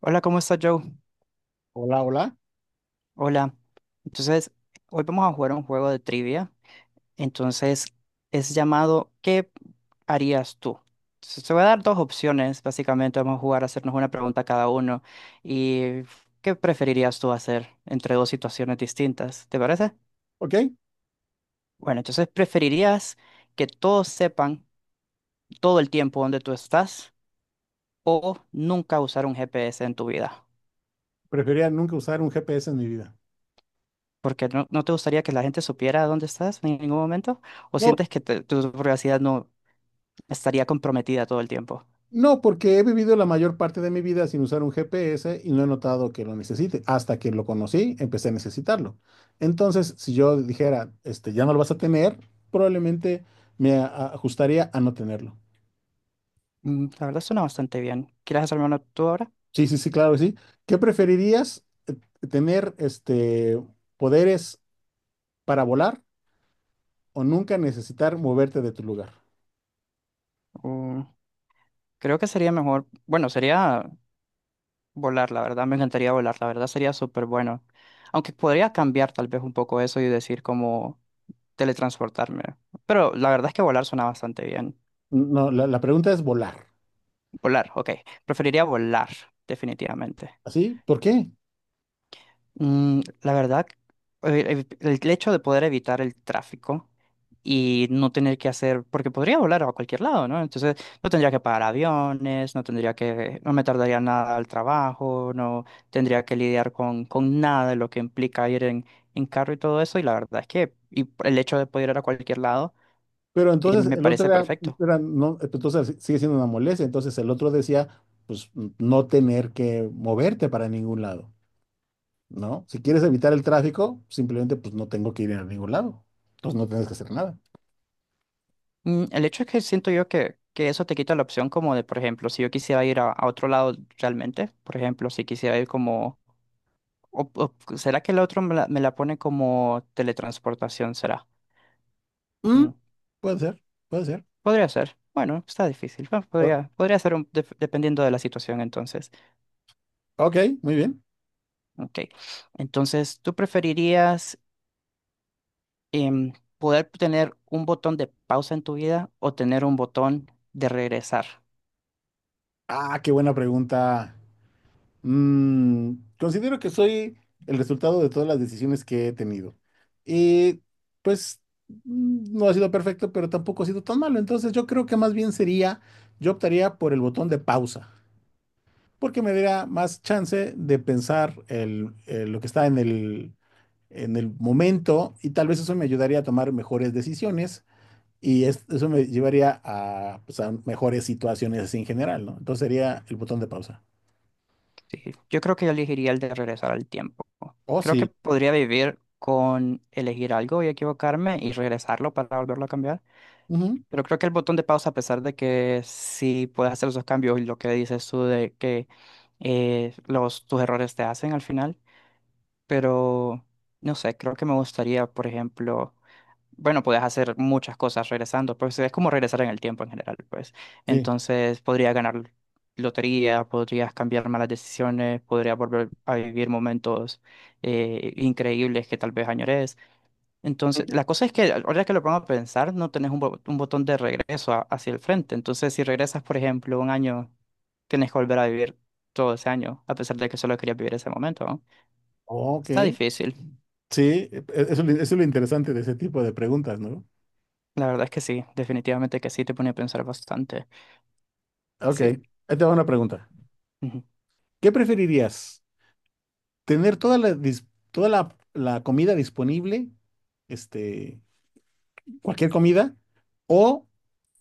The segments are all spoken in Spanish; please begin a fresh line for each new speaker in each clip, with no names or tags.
Hola, ¿cómo estás, Joe?
Hola, hola.
Hola. Entonces, hoy vamos a jugar un juego de trivia. Entonces, es llamado ¿Qué harías tú? Entonces, te voy a dar dos opciones, básicamente. Vamos a jugar a hacernos una pregunta cada uno. ¿Y qué preferirías tú hacer entre dos situaciones distintas? ¿Te parece?
Ok,
Bueno, entonces, ¿preferirías que todos sepan todo el tiempo dónde tú estás o nunca usar un GPS en tu vida?
preferiría nunca usar un GPS en mi vida.
Porque no, no te gustaría que la gente supiera dónde estás en ningún momento, o
No,
sientes que tu privacidad no estaría comprometida todo el tiempo.
no, porque he vivido la mayor parte de mi vida sin usar un GPS y no he notado que lo necesite. Hasta que lo conocí, empecé a necesitarlo. Entonces, si yo dijera, ya no lo vas a tener, probablemente ajustaría a no tenerlo.
La verdad suena bastante bien. ¿Quieres hacerme una tú ahora?
Sí, sí, sí, claro que sí. ¿Qué preferirías? ¿Tener poderes para volar o nunca necesitar moverte de tu lugar?
O- Creo que sería mejor, bueno, sería volar, la verdad, me encantaría volar, la verdad sería súper bueno. Aunque podría cambiar tal vez un poco eso y decir como teletransportarme. Pero la verdad es que volar suena bastante bien.
No, la pregunta es volar.
Volar, ok. Preferiría volar, definitivamente.
¿Así? ¿Por qué?
La verdad, el hecho de poder evitar el tráfico y no tener que hacer, porque podría volar a cualquier lado, ¿no? Entonces no tendría que pagar aviones, no tendría que, no me tardaría nada al trabajo, no tendría que lidiar con nada de lo que implica ir en carro y todo eso. Y la verdad es que y el hecho de poder ir a cualquier lado,
Pero entonces
me
el otro
parece
era,
perfecto.
era no, pues, entonces si, sigue siendo una molestia. Entonces el otro decía, pues no tener que moverte para ningún lado, ¿no? Si quieres evitar el tráfico, simplemente pues no tengo que ir a ningún lado. Entonces no tienes que hacer nada.
El hecho es que siento yo que eso te quita la opción como de, por ejemplo, si yo quisiera ir a otro lado realmente, por ejemplo, si quisiera ir como, ¿será que el otro me la pone como teletransportación? ¿Será?
Mm,
Mm,
puede ser, puede ser.
podría ser. Bueno, está difícil. Bueno,
O-
podría, podría ser dependiendo de la situación entonces.
ok, muy bien.
Ok. Entonces, ¿tú preferirías poder tener un botón de pausa en tu vida o tener un botón de regresar?
Ah, qué buena pregunta. Mm, considero que soy el resultado de todas las decisiones que he tenido. Y pues no ha sido perfecto, pero tampoco ha sido tan malo. Entonces yo creo que más bien sería, yo optaría por el botón de pausa, porque me daría más chance de pensar lo que está en el momento y tal vez eso me ayudaría a tomar mejores decisiones y eso me llevaría a, pues, a mejores situaciones así en general, ¿no? Entonces sería el botón de pausa.
Sí, yo creo que yo elegiría el de regresar al tiempo.
Oh,
Creo que
sí.
podría vivir con elegir algo y equivocarme y regresarlo para volverlo a cambiar.
Ujú.
Pero creo que el botón de pausa, a pesar de que sí puedes hacer esos cambios y lo que dices tú de que los, tus errores te hacen al final, pero no sé, creo que me gustaría, por ejemplo, bueno, puedes hacer muchas cosas regresando, pues es como regresar en el tiempo en general, pues.
Sí.
Entonces, podrías ganar lotería, podrías cambiar malas decisiones, podrías volver a vivir momentos increíbles que tal vez añores. Entonces, la cosa es que ahora que lo pongo a pensar, no tenés un, un botón de regreso hacia el frente. Entonces, si regresas, por ejemplo, un año, tienes que volver a vivir todo ese año, a pesar de que solo querías vivir ese momento, ¿no?
Oh, ok,
Está difícil.
sí, eso es lo interesante de ese tipo de preguntas, ¿no?
La verdad es que sí, definitivamente que sí, te pone a pensar bastante.
Ok,
Sí.
ahí te va una pregunta.
Ujú.
¿Qué preferirías? ¿Tener toda la comida disponible, este, cualquier comida, o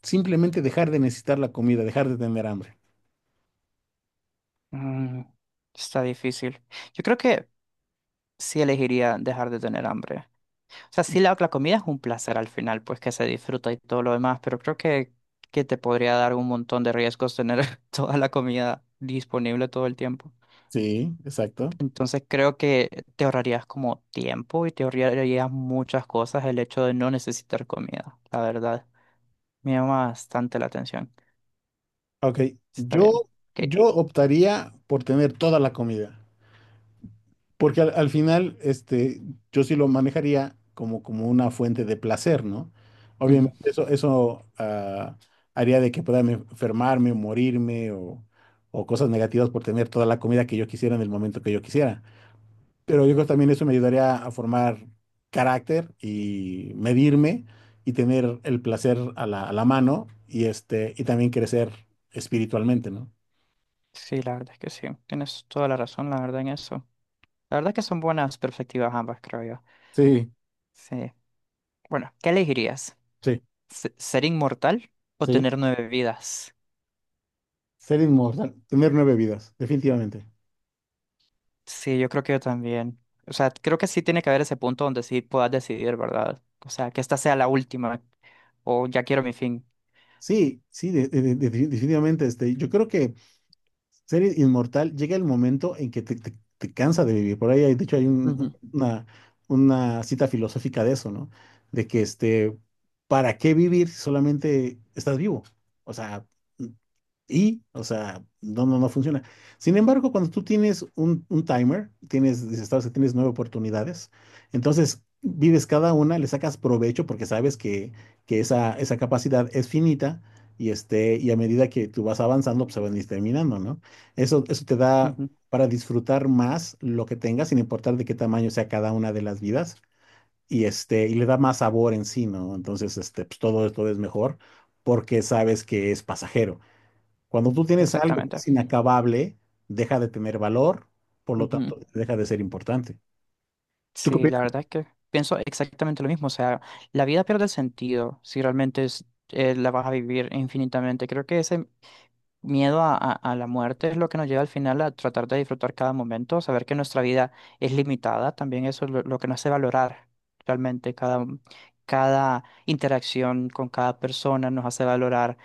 simplemente dejar de necesitar la comida, dejar de tener hambre?
Mm, está difícil. Yo creo que sí elegiría dejar de tener hambre. O sea, sí, la comida es un placer al final, pues que se disfruta y todo lo demás, pero creo que te podría dar un montón de riesgos tener toda la comida disponible todo el tiempo.
Sí, exacto.
Entonces creo que te ahorrarías como tiempo y te ahorrarías muchas cosas el hecho de no necesitar comida, la verdad. Me llama bastante la atención.
Ok,
Está bien.
yo,
Ok.
yo optaría por tener toda la comida. Porque al final, yo sí lo manejaría como, como una fuente de placer, ¿no?
Ujú.
Obviamente eso haría de que pueda enfermarme o morirme o cosas negativas por tener toda la comida que yo quisiera en el momento que yo quisiera. Pero yo creo que también eso me ayudaría a formar carácter y medirme y tener el placer a a la mano y, y también crecer espiritualmente, ¿no?
Sí, la verdad es que sí. Tienes toda la razón, la verdad, en eso. La verdad que son buenas perspectivas ambas, creo yo.
Sí,
Sí. Bueno, ¿qué elegirías?
sí,
¿Ser inmortal o
sí.
tener 9 vidas?
Ser inmortal, tener 9 vidas, definitivamente.
Sí, yo creo que yo también. O sea, creo que sí tiene que haber ese punto donde sí puedas decidir, ¿verdad? O sea, que esta sea la última o ya quiero mi fin.
Sí, sí, definitivamente. Yo creo que ser inmortal llega el momento en que te, te cansa de vivir. Por ahí, de hecho,
Ujú,
una cita filosófica de eso, ¿no? De que, ¿para qué vivir si solamente estás vivo? O sea, y, o sea, no, no, no funciona. Sin embargo, cuando tú tienes un timer, tienes, dices, sabes que tienes 9 oportunidades, entonces vives cada una, le sacas provecho porque sabes que esa capacidad es finita y, y a medida que tú vas avanzando, pues se van a ir terminando, ¿no? Eso te da
ujú.
para disfrutar más lo que tengas, sin importar de qué tamaño sea cada una de las vidas, y, y le da más sabor en sí, ¿no? Entonces, pues todo, todo es mejor porque sabes que es pasajero. Cuando tú tienes algo que
Exactamente.
es inacabable, deja de tener valor, por lo
Ujú.
tanto, deja de ser importante. ¿Tú qué
Sí, la
opinas?
verdad es que pienso exactamente lo mismo. O sea, la vida pierde sentido si realmente es, la vas a vivir infinitamente. Creo que ese miedo a, a la muerte es lo que nos lleva al final a tratar de disfrutar cada momento, saber que nuestra vida es limitada, también eso es lo que nos hace valorar realmente cada, cada interacción con cada persona, nos hace valorar,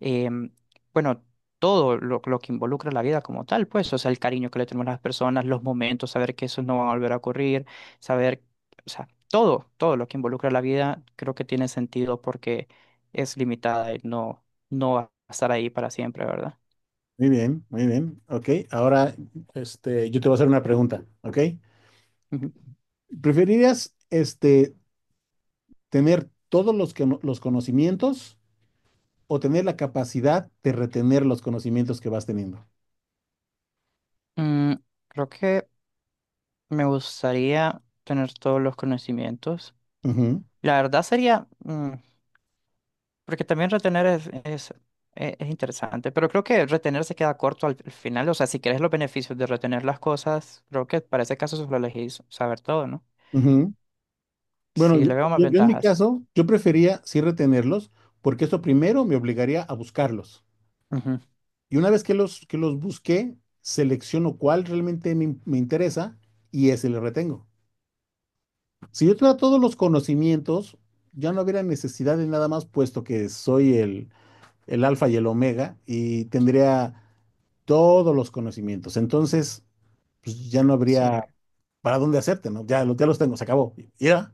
em, bueno, todo lo que involucra la vida como tal, pues, o sea, el cariño que le tenemos a las personas, los momentos, saber que eso no va a volver a ocurrir, saber, o sea, todo, todo lo que involucra la vida creo que tiene sentido porque es limitada y no no va a estar ahí para siempre, ¿verdad?
Muy bien, muy bien. Ok, ahora yo te voy a hacer una pregunta, ¿ok?
Ujú.
¿Preferirías tener todos no, los conocimientos o tener la capacidad de retener los conocimientos que vas teniendo?
Mm, creo que me gustaría tener todos los conocimientos.
Ujú,
La verdad sería, porque también retener es, es interesante, pero creo que retener se queda corto al, al final. O sea, si quieres los beneficios de retener las cosas, creo que para ese caso solo elegís saber todo, ¿no?
ujú. Bueno,
Sí, le veo más
yo en mi
ventajas.
caso, yo prefería sí retenerlos porque eso primero me obligaría a buscarlos.
Ujú.
Y una vez que que los busqué, selecciono cuál realmente me interesa y ese le retengo. Si yo tuviera todos los conocimientos, ya no hubiera necesidad de nada más, puesto que soy el alfa y el omega y tendría todos los conocimientos. Entonces, pues ya no
Sí,
habría para dónde hacerte, ¿no? Ya, ya los tengo, se acabó. Y ya.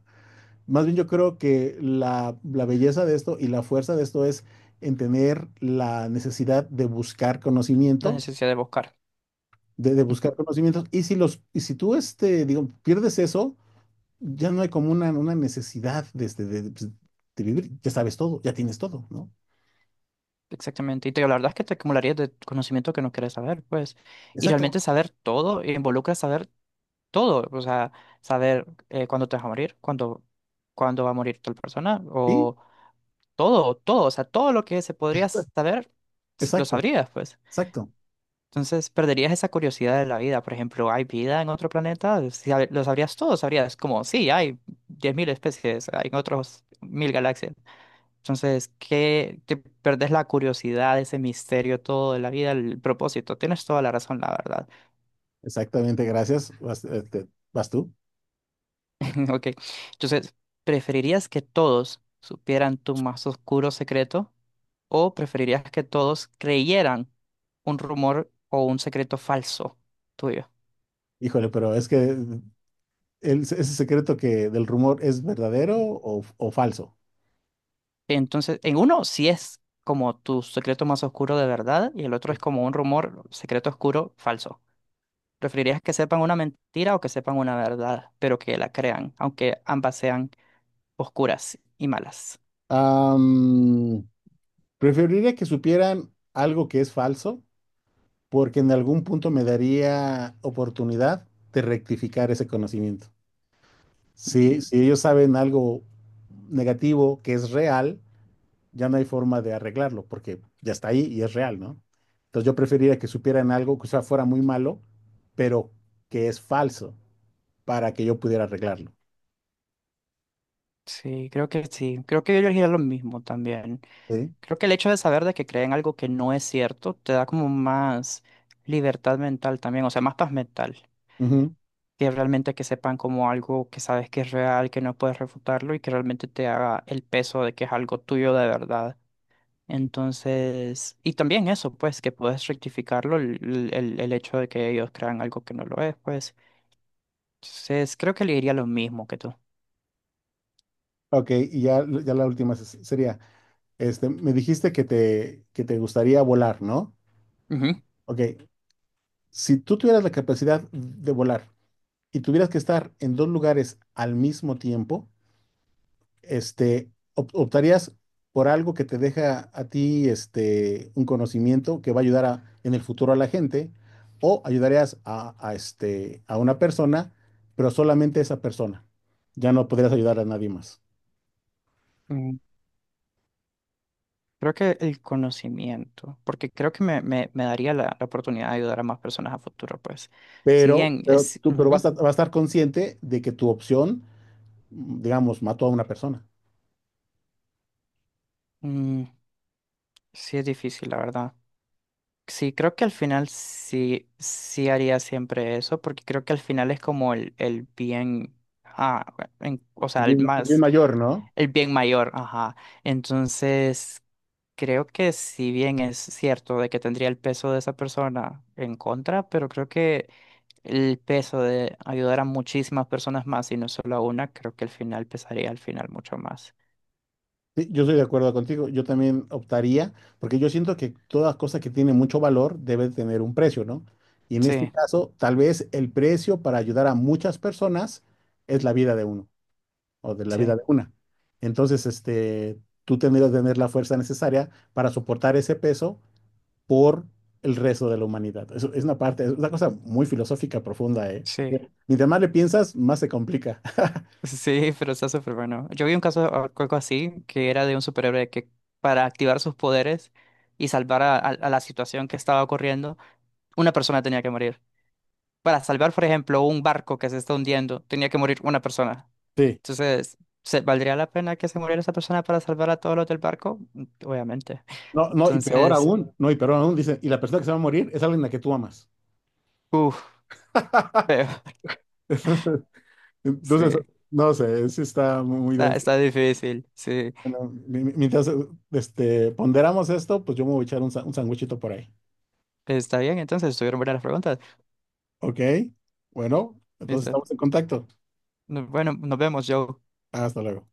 Más bien yo creo que la belleza de esto y la fuerza de esto es en tener la necesidad de buscar
la
conocimiento
necesidad de buscar.
de
Ujú.
buscar conocimientos. Y si los, y si tú digo, pierdes eso, ya no hay como una necesidad de, pues, de vivir, ya sabes todo, ya tienes todo, ¿no?
Exactamente. Y te digo, la verdad es que te acumularías de conocimiento que no quieres saber, pues. Y
Exacto.
realmente saber todo involucra saber todo, o sea, saber cuándo te vas a morir, cuándo, cuándo va a morir tal persona,
Sí,
o todo, todo, o sea, todo lo que se podría saber, lo
exacto,
sabrías, pues.
exacto.
Entonces, perderías esa curiosidad de la vida. Por ejemplo, ¿hay vida en otro planeta? Si lo sabrías todo, sabrías como, sí, hay 10 mil especies, hay en otros 1000 galaxias. Entonces, qué, te perdés la curiosidad, ese misterio todo de la vida, el propósito. Tienes toda la razón, la verdad.
Exactamente, gracias. Vas, vas tú.
Ok. Entonces, ¿preferirías que todos supieran tu más oscuro secreto o preferirías que todos creyeran un rumor o un secreto falso tuyo?
Híjole, pero es que ese secreto que del rumor es verdadero o falso.
Entonces, en uno sí es como tu secreto más oscuro de verdad y el otro es
Sí.
como un rumor, secreto oscuro, falso. ¿Preferirías que sepan una mentira o que sepan una verdad, pero que la crean, aunque ambas sean oscuras y malas?
Am, preferiría que supieran algo que es falso porque en algún punto me daría oportunidad de rectificar ese conocimiento. Si, si ellos saben algo negativo que es real, ya no hay forma de arreglarlo, porque ya está ahí y es real, ¿no? Entonces yo preferiría que supieran algo que o sea, fuera muy malo, pero que es falso, para que yo pudiera arreglarlo.
Sí. Creo que yo elegiría lo mismo también.
¿Sí?
Creo que el hecho de saber de que creen algo que no es cierto te da como más libertad mental también, o sea, más paz mental,
Ujú.
que realmente que sepan como algo que sabes que es real, que no puedes refutarlo y que realmente te haga el peso de que es algo tuyo de verdad. Entonces, y también eso, pues, que puedes rectificarlo, el, el hecho de que ellos crean algo que no lo es pues entonces creo que le diría lo mismo que tú.
Ok, y ya, sería, me dijiste que te gustaría volar, ¿no? Ok, si tú tuvieras la capacidad de volar, y tuvieras que estar en dos lugares al mismo tiempo, optarías por algo que te deja a ti un conocimiento que va a ayudar en el futuro a la gente, o ayudarías a, a una persona, pero solamente esa persona. Ya no podrías ayudar a nadie más.
Ujú. Creo que el conocimiento, porque creo que me daría la, la oportunidad de ayudar a más personas a futuro, pues. Si bien
Pero
es,
tú, pero vas
ujú,
a, vas a estar consciente de que tu opción, digamos, mató a una persona.
mm, sí es difícil, la verdad. Sí, creo que al final sí, sí haría siempre eso, porque creo que al final es como el bien, ah, o sea, el
Es bien
más,
mayor, ¿no?
el bien mayor, ajá. Entonces, creo que si bien es cierto de que tendría el peso de esa persona en contra, pero creo que el peso de ayudar a muchísimas personas más y no solo a una, creo que al final pesaría al final mucho más.
Sí, yo estoy de acuerdo contigo. Yo también optaría, porque yo siento que toda cosa que tiene mucho valor debe tener un precio, ¿no? Y en este
Sí,
caso, tal vez el precio para ayudar a muchas personas es la vida de uno o de la vida
sí,
de una. Entonces, tú tendrías que tener la fuerza necesaria para soportar ese peso por el resto de la humanidad. Eso es una parte, es una cosa muy filosófica profunda, ¿eh?
sí.
Mientras más le piensas, más se complica.
Sí, pero está súper bueno. Yo vi un caso, algo así, que era de un superhéroe que para activar sus poderes y salvar a, a la situación que estaba ocurriendo, una persona tenía que morir. Para salvar, por ejemplo, un barco que se está hundiendo, tenía que morir una persona.
Sí.
Entonces, ¿se, valdría la pena que se muriera esa persona para salvar a todos los del barco? Obviamente.
No, no, y peor
Entonces,
aún, no, y peor aún, dicen, y la persona que se va a morir es alguien a la que tú amas.
uff.
Entonces,
Sí,
no sé, sí está muy, muy
está,
denso.
está difícil, sí.
Bueno, mientras ponderamos esto, pues yo me voy a echar un, un sandwichito por ahí.
Está bien, entonces estuvieron buenas las preguntas.
¿Ok? Bueno, entonces
Listo.
estamos en contacto.
No- Bueno, nos vemos, Joe.
Hasta luego.